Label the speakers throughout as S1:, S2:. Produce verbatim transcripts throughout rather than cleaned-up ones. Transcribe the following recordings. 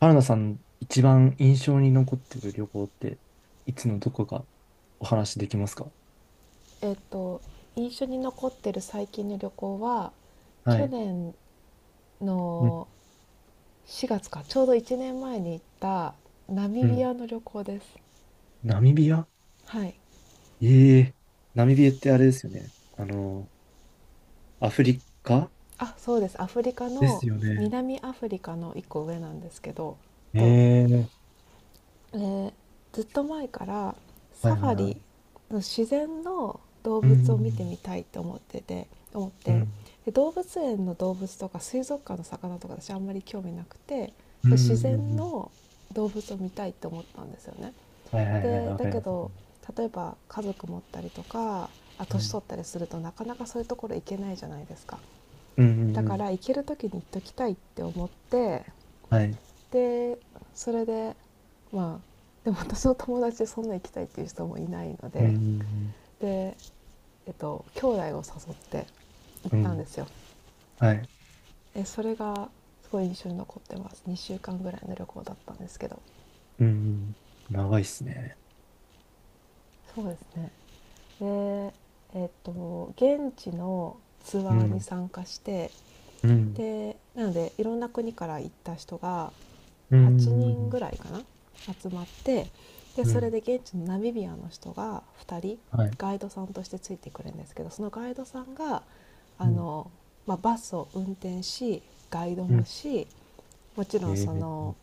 S1: 原田さん、一番印象に残ってる旅行って、いつのどこかお話できますか？
S2: えっと印象に残ってる最近の旅行は、
S1: は
S2: 去
S1: い。
S2: 年
S1: うん。
S2: のしがつか、ちょうどいちねんまえに行ったナ
S1: う
S2: ミビ
S1: ん。
S2: アの旅行です。
S1: ナミビア。
S2: はい。
S1: ええ。ナミビアってあれですよね。あの、アフリカ
S2: あ、そうです、アフリカ
S1: で
S2: の、
S1: すよね。
S2: 南アフリカのいっこ上なんですけど、と
S1: ええ。
S2: えーずっと前から
S1: は
S2: サ
S1: い
S2: フ
S1: はい
S2: ァ
S1: は
S2: リ
S1: い。
S2: の自然の動
S1: う
S2: 物を見て
S1: ん。
S2: みたいと思ってて思っ
S1: う
S2: て
S1: ん。
S2: で動物園の動物とか水族館の魚とか私あんまり興味なくて、
S1: うん。う
S2: 自
S1: んうん
S2: 然
S1: うん。
S2: の動物を見たいと思ったんですよね。
S1: はいはいはい。
S2: で
S1: わ
S2: だ
S1: かり
S2: け
S1: ます。
S2: ど、例えば家族持ったりとか、あ
S1: う
S2: 年
S1: ん。
S2: 取ったりすると、なかなかそういうところ行けないじゃないですか。
S1: うん。う
S2: だ
S1: んう
S2: か
S1: ん。
S2: ら行ける時に行っときたいって思って、
S1: はい。
S2: でそれで、まあ、でも私の友達でそんな行きたいっていう人もいないの
S1: う
S2: で、
S1: ん。
S2: で、えっと、兄弟を誘って行っ
S1: うん。う
S2: たんで
S1: ん。
S2: すよ。
S1: はい。
S2: えそれがすごい印象に残ってます。にしゅうかんぐらいの旅行だったんですけど、
S1: うん。長いっすね。
S2: そうですね。で、えっと現地のツ
S1: う
S2: アーに
S1: ん。
S2: 参加して、
S1: うん。
S2: でなので、いろんな国から行った人が
S1: う
S2: はちにん
S1: ん。
S2: ぐらいかな、集まって、で、
S1: う
S2: それ
S1: ん。
S2: で現地のナミビアの人がふたり
S1: はい。
S2: ガイドさんとしてついてくれるんですけど、そのガイドさんが、あの、まあ、バスを運転し、ガイド
S1: う
S2: も
S1: ん。
S2: し、もちろん
S1: え
S2: そ
S1: え。
S2: の、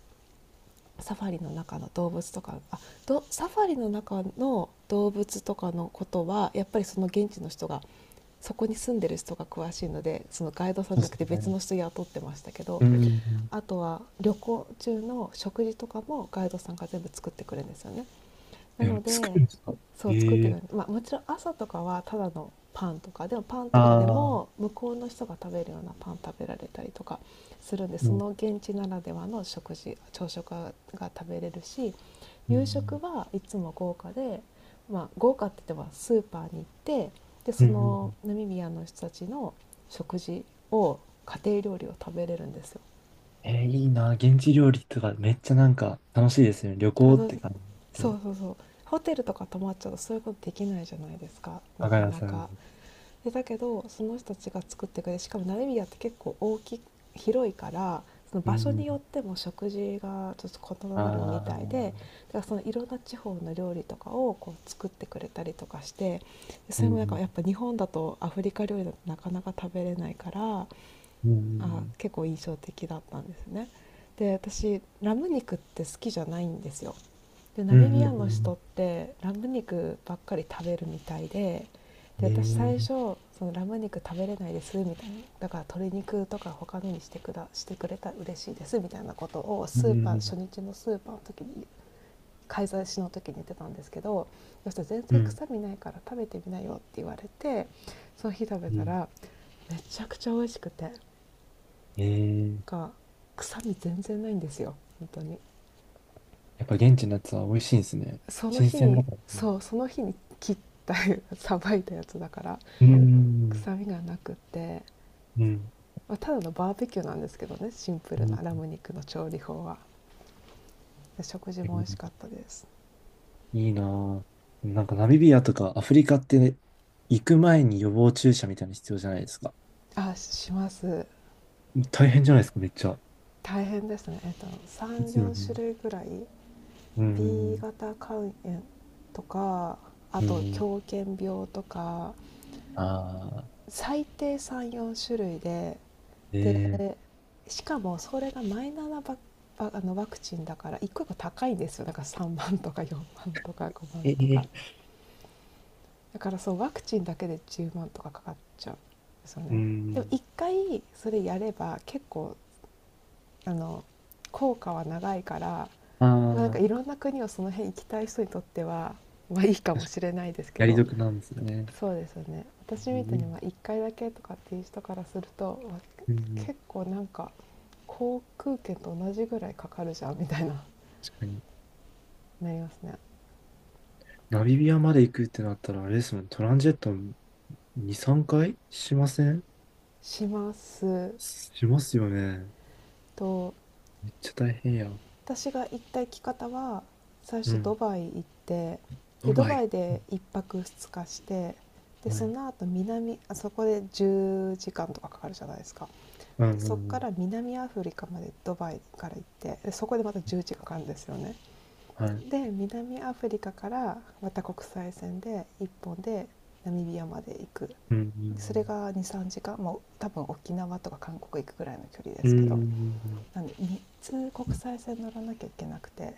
S2: サファリの中の動物とかあどサファリの中の動物とかのことは、やっぱりその現地の人が、そこに住んでる人が詳しいので、そのガイドさん
S1: そ
S2: じ
S1: う
S2: ゃな
S1: で
S2: く
S1: す
S2: て別
S1: ね。
S2: の人雇ってましたけど。
S1: うん。
S2: あとは旅行中の食事とかもガイドさんが全部作ってくれるんですよね。な
S1: え、
S2: の
S1: 作
S2: で、
S1: るんですか？
S2: そう、作っ
S1: え
S2: てく
S1: え。
S2: れる、まあ、もちろん朝とかはただのパンとかでも、パンとかで
S1: あ。
S2: も
S1: あ
S2: 向こうの人が食べるようなパン食べられたりとかするんで、
S1: ー、
S2: そ
S1: うん。
S2: の現地ならではの食事朝食が食べれるし、
S1: う
S2: 夕食
S1: ん。
S2: はいつも豪華で、まあ、豪華って言ってもスーパーに行って、で
S1: う
S2: そ
S1: ん。
S2: のナミビアの人たちの食事を家庭料理を食べれるんですよ。
S1: えー、いいな。現地料理とかめっちゃなんか楽しいですよね。旅行
S2: た
S1: っ
S2: ど
S1: て
S2: そう、
S1: 感じで。
S2: そう、そう、ホテルとか泊まっちゃうとそういうことできないじゃないですか、な
S1: 若
S2: か
S1: 菜
S2: な
S1: さ
S2: か。
S1: ん。
S2: でだけど、その人たちが作ってくれて、しかもナミビアって結構大き広いから、その
S1: う
S2: 場所に
S1: ん。
S2: よっても食事がちょっと異なるみた
S1: あ。あ、
S2: いで、だからそのいろんな地方の料理とかをこう作ってくれたりとかして、そ
S1: う
S2: れもなんか
S1: ん。
S2: やっぱ日本だとアフリカ料理だとなかなか食べれないから、
S1: う
S2: あ
S1: ん。
S2: 結構印象的だったんですね。で、私ラム肉って好きじゃないんですよ。で
S1: う
S2: ナ
S1: ん。
S2: ミビ
S1: う
S2: ア
S1: ん。
S2: の
S1: う
S2: 人っ
S1: ん。
S2: てラム肉ばっかり食べるみたいで、で私最初
S1: ええ。
S2: そのラム肉食べれないですみたいな、だから鶏肉とか他のにして、くだしてくれたら嬉しいですみたいなことを、
S1: う
S2: スーパー初
S1: ん。
S2: 日のスーパーの時に、買い出しの時に言ってたんですけど、そしたら全
S1: う
S2: 然
S1: ん。
S2: 臭みないから食べてみなよって言われて、その日食べ
S1: う
S2: た
S1: ん。
S2: ら、めちゃくちゃ美味しくて、
S1: ええ。
S2: が臭み全然ないんですよ、本当に。
S1: やっぱ現地のやつは美味しいんですね。
S2: その
S1: 新
S2: 日
S1: 鮮
S2: に
S1: だから。
S2: そうその日に切ったさばいたやつだから
S1: ううん。
S2: 臭みがなくて、
S1: うん。
S2: まあただのバーベキューなんですけどね、シンプルなラ
S1: う
S2: ム肉の調理法は。で食事も美味しかっ
S1: ん。
S2: たです。
S1: いいなぁ。でもなんかナミビアとかアフリカって行く前に予防注射みたいなの必要じゃないですか。
S2: あします。
S1: 大変じゃないですか、めっちゃ。
S2: 大変ですね、えっと、
S1: ですよ
S2: さんじゅうよん種
S1: ね。
S2: 類ぐらい。
S1: う
S2: B
S1: ん。
S2: 型肝炎とか、あ
S1: う
S2: と
S1: ん。
S2: 狂犬病とか、
S1: ああ、
S2: 最低さんじゅうよん種類で、
S1: え
S2: で、
S1: え。
S2: しかもそれがマイナーなばばあのワクチンだから、一個一個高いんですよ。だからさんまんとかよんまんとかごまん
S1: え
S2: とか、
S1: え。
S2: だから、そう、ワクチンだけでじゅうまんとかかかっちゃうんですよ
S1: う
S2: ね。でも
S1: ん。
S2: 一回それやれば、結構あの効果は長いから、まあ、なんか
S1: あ
S2: い
S1: あ、
S2: ろんな国をその辺行きたい人にとっては、まあ、いいかも
S1: 確かに。
S2: しれないですけ
S1: やり
S2: ど。
S1: 得なんですね。
S2: そうですよね、私
S1: う
S2: みたいに
S1: ん。
S2: まあいっかいだけとかっていう人からすると、わ
S1: うん。
S2: 結構なんか、航空券と同じぐらいかかるじゃんみたいな
S1: 確かに。
S2: なりますね。
S1: ナミビアまで行くってなったら、あれですもん、トランジェットに、さんかいしません？
S2: します。
S1: しますよね。
S2: と
S1: めっちゃ大変や。
S2: 私が行った行き方は、最
S1: う
S2: 初ド
S1: ん。
S2: バイ行って、
S1: ド
S2: でド
S1: バ
S2: バ
S1: イ。
S2: イでいっぱくふつかして、で
S1: は
S2: そ
S1: い。
S2: の後南あそこでじゅうじかんとかかかるじゃないですか。
S1: うんう
S2: で
S1: ん
S2: そこ
S1: う
S2: か
S1: ん。
S2: ら南アフリカまでドバイから行って、でそこでまたじゅうじかんかんかかるんですよね。
S1: はい。
S2: で南アフリカからまた国際線でいっぽんでナミビアまで行く。
S1: う
S2: それ
S1: ん。
S2: がにじゅうさんじかん。もう多分沖縄とか韓国行くぐらいの距離で
S1: う
S2: すけど、
S1: ん。
S2: なんで、みっつ国際線乗らなきゃいけなくて、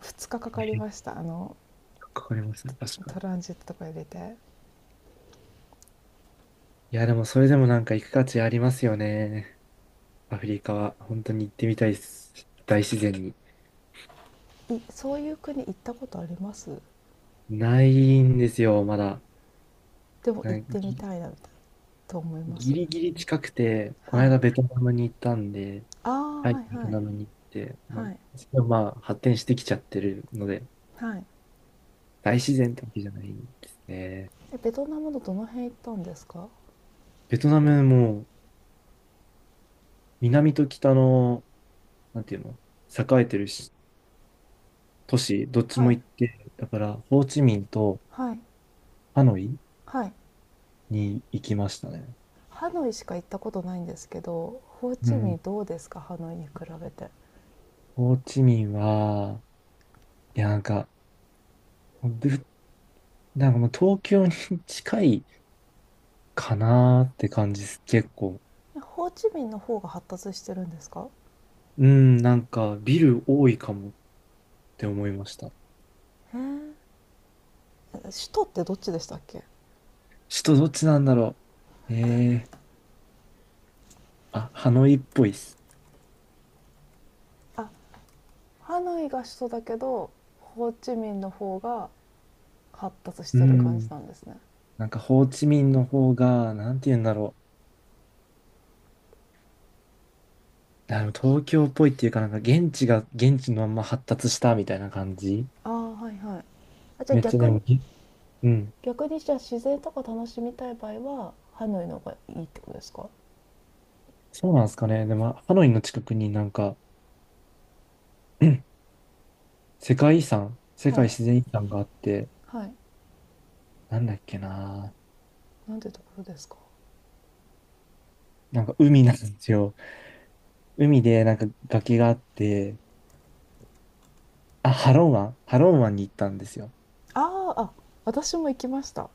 S2: ふつかかかかりました、あの
S1: かかりますね。確かに。
S2: トランジットとか入れて。
S1: いや、でもそれでもなんか行く価値ありますよね。アフリカは。本当に行ってみたいです。大自然に。
S2: いそういう国行ったことあります？
S1: ないんですよ、まだ。
S2: でも行っ
S1: な
S2: てみ
S1: ぎ
S2: たいなと思いま
S1: ギ
S2: す。
S1: リギリ近くて、この
S2: はい。
S1: 間ベトナムに行ったんで、
S2: あ
S1: は
S2: あ、
S1: い、
S2: は
S1: ベ
S2: い
S1: ト
S2: はい。
S1: ナムに行って、ま
S2: はい。
S1: あ、それはまあ発展してきちゃってるので、
S2: はい
S1: 大自然ってわけじゃないですね。
S2: えベトナムのどの辺行ったんですか？
S1: ベトナムも南と北の、なんていうの、栄えてるし都市、どっち
S2: は
S1: も
S2: い。
S1: 行って、だから、ホーチミンと
S2: はい
S1: ハノイ
S2: はい。
S1: に行きましたね。
S2: ハノイしか行ったことないんですけど、ホー
S1: う
S2: チミ
S1: ん。
S2: ンどうですか、ハノイに比べて。
S1: ホーチミンは、いや、なんか、ぶなんかもう東京に 近いかなーって感じです、結構。
S2: ホーチミンの方が発達してるんですか？
S1: うん、なんか、ビル多いかもって思いました。
S2: え首都ってどっちでしたっけ？
S1: 首都どっちなんだろう。えー、あ、ハノイっぽいっす。
S2: あ、ハノイが首都だけど、ホーチミンの方が発達し
S1: う
S2: てる感じ
S1: ん。
S2: なんですね。
S1: なんか、ホーチミンの方が、なんて言うんだろう。あの、東京っぽいっていうか、なんか、現地が、現地のまんま発達したみたいな感じ。
S2: ああ、はいはい。あ、じゃあ
S1: めっちゃ
S2: 逆
S1: でも
S2: に、
S1: ぎ、うん。
S2: 逆にじゃあ自然とか楽しみたい場合はハノイの方がいいってことですか？
S1: そうなんですかね。でも、ハノイの近くになんか、世界遺産、世
S2: は
S1: 界
S2: い。
S1: 自然遺産があって、
S2: はい。
S1: なんだっけな。
S2: なんてところですか？
S1: なんか海なんですよ。海でなんか崖があって、あ、ハロン湾ハロン湾に行ったんですよ。
S2: あーあ。私も行きました。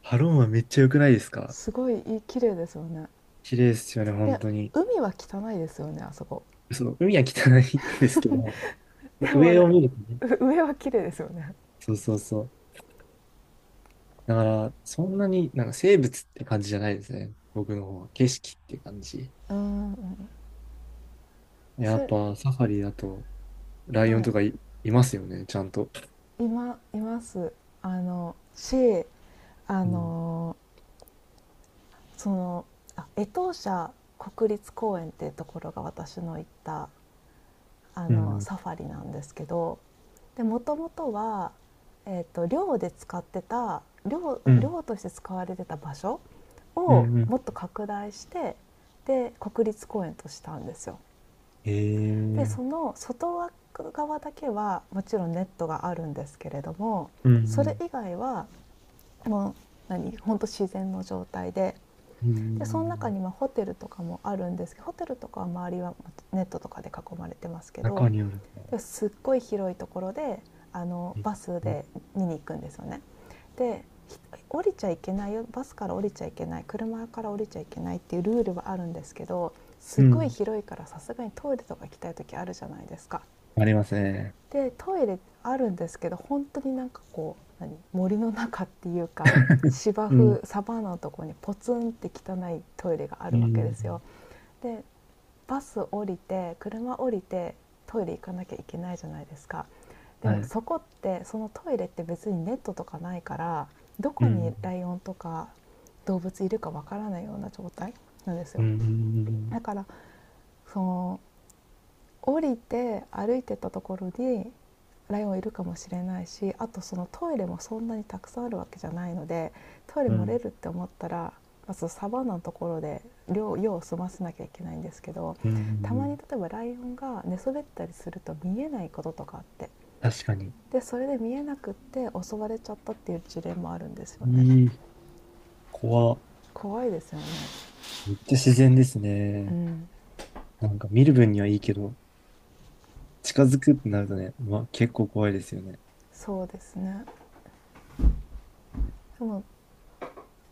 S1: ハロン湾めっちゃ良くないですか？
S2: すごいいい、綺麗ですよね。
S1: 綺麗ですよね、
S2: で
S1: 本当に。
S2: 海は汚いですよね、あそこ。
S1: その海は汚いんですけど、
S2: でも
S1: 上を
S2: ね、
S1: 見るとね。
S2: 上は綺麗ですよね。
S1: そうそうそう。だから、そんなになんか生物って感じじゃないですね。僕の方は。景色って感じ。
S2: うんうん。
S1: や
S2: そ
S1: っ
S2: れ。
S1: ぱサファリだと、ライオ
S2: は
S1: ン
S2: い。
S1: とかい、いますよね、ちゃんと。
S2: 今います。あのしあ
S1: うん、
S2: のそのあ江東社国立公園っていうところが、私の行ったあ
S1: う
S2: の
S1: ん、
S2: サファリなんですけど、もともとは、えー、と寮で使ってた寮
S1: うん、
S2: 漁として使われてた場所
S1: うん、
S2: を
S1: うん。
S2: もっと拡大して、で国立公園としたんですよ。
S1: ええ
S2: で
S1: ー、
S2: その外側だけはもちろんネットがあるんですけれども、
S1: うん、う
S2: それ
S1: ん、
S2: 以外はもう何ほんと自然の状態で、
S1: う
S2: でその中
S1: ん。
S2: にまあホテルとかもあるんですけど、ホテルとかは周りはネットとかで囲まれてますけど、
S1: 中にある。
S2: で、すっごい広いところで、あのバス
S1: うん、
S2: で見に行くんですよね。で、降りちゃいけないよ、バスから降りちゃいけない、車から降りちゃいけないっていうルールはあるんですけど、
S1: う
S2: すごい
S1: ん。
S2: 広いから、さすがにトイレとか行きたい時あるじゃないですか。
S1: ありますね。
S2: でトイレあるんですけど、本当になんかこう何森の中っていうか、芝
S1: う
S2: 生
S1: ん、
S2: サバンナのところにポツンって汚いトイレがあ
S1: う
S2: るわけですよ。
S1: ん、
S2: でバス降りて、車降りて、トイレ行かなきゃいけないじゃないですか。で
S1: は
S2: も
S1: い。
S2: そこって、そのトイレって別にネットとかないから、ど
S1: う
S2: こに
S1: ん、
S2: ライオンとか動物いるかわからないような状態なんです
S1: うん、
S2: よ。
S1: う
S2: だ
S1: ん、
S2: から、その降りて歩いてたところにライオンいるかもしれないし、あと、そのトイレもそんなにたくさんあるわけじゃないので、トイレ
S1: う
S2: 漏れ
S1: ん、
S2: るって思ったら、まずサバンナのところで量用を済ませなきゃいけないんですけど、
S1: う
S2: たまに、
S1: ん。
S2: 例えばライオンが寝そべったりすると見えないこととかあって、
S1: 確かに。
S2: でそれで見えなくって襲われちゃったっていう事例もあるんですよね。
S1: いい、怖。
S2: 怖いですよね。
S1: めっちゃ自然です
S2: う
S1: ね。
S2: ん、
S1: なんか見る分にはいいけど、近づくってなるとね、まあ、結構怖いですよね。
S2: そうですね。でも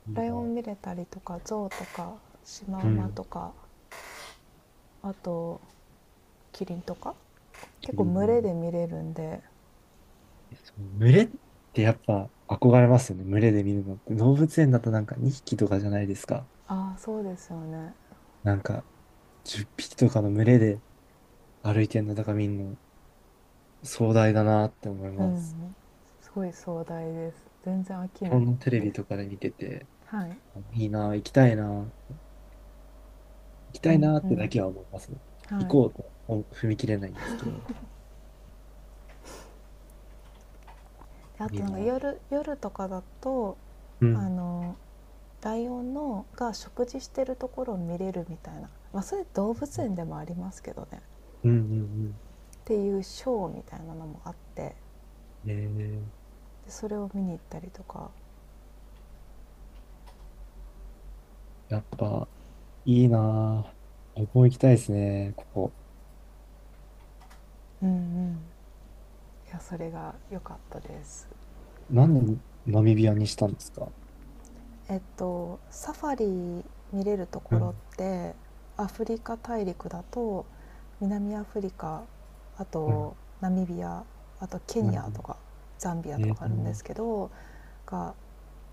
S1: いい
S2: ライオ
S1: な。
S2: ン見れたりとか、ゾウとか、シマ
S1: う
S2: ウマ
S1: ん。
S2: とか、あとキリンとか結構群れで見れるんで。
S1: そう、群れってやっぱ憧れますよね。群れで見るのって。動物園だとなんかにひきとかじゃないですか。
S2: ああ、そうですよね。
S1: なんかじゅっぴきとかの群れで歩いてるのとか見るの壮大だなって思い
S2: う
S1: ます。
S2: ん。すごい壮大です。全然飽き
S1: 日
S2: ない
S1: 本のテレ
S2: で
S1: ビ
S2: す。
S1: とかで見てて、
S2: はい。
S1: いいな、行きたいな、行き
S2: う
S1: たい
S2: ん
S1: な
S2: う
S1: ってだ
S2: ん。
S1: けは思いますね。行
S2: はい。
S1: こうとは踏み切れないんですけど、
S2: あ
S1: い
S2: と
S1: い
S2: なんか
S1: な。
S2: 夜夜とかだと、
S1: う
S2: あ
S1: ん。
S2: のライオンのが食事してるところを見れるみたいな、まあ、それ動物園でもありますけどね、っ
S1: うんうん
S2: ていうショーみたいなのもあって、で
S1: うん。えー、
S2: それを見に行ったりとか。
S1: やっぱいいなぁ。僕も行きたいですね、ここ。
S2: うんうん。いや、それが良かったです。
S1: なんでナミビアにしたんですか？
S2: えっとサファリ見れると
S1: う
S2: ころ
S1: ん
S2: って、アフリカ大陸だと、南アフリカ、あ
S1: うん、
S2: とナミビア、あとケ
S1: う
S2: ニ
S1: ん、
S2: アとか、ザンビア
S1: う
S2: と
S1: ん、
S2: かあ
S1: う
S2: るんで
S1: ん、
S2: すけど、が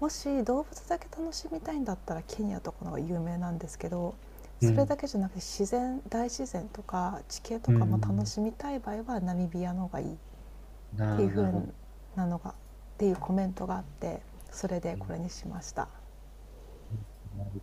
S2: もし動物だけ楽しみたいんだったら、ケニアとかの方が有名なんですけど、
S1: う
S2: それ
S1: ん、
S2: だけじゃなくて、自然大自然とか地形と
S1: うん、う
S2: かも楽
S1: ん。
S2: しみたい場合はナミビアの方がいいって
S1: な
S2: いう
S1: あ、なる
S2: 風
S1: ほど。
S2: なのが、っていうコメントがあって、それで
S1: う
S2: こ
S1: ん
S2: れにしました。
S1: うん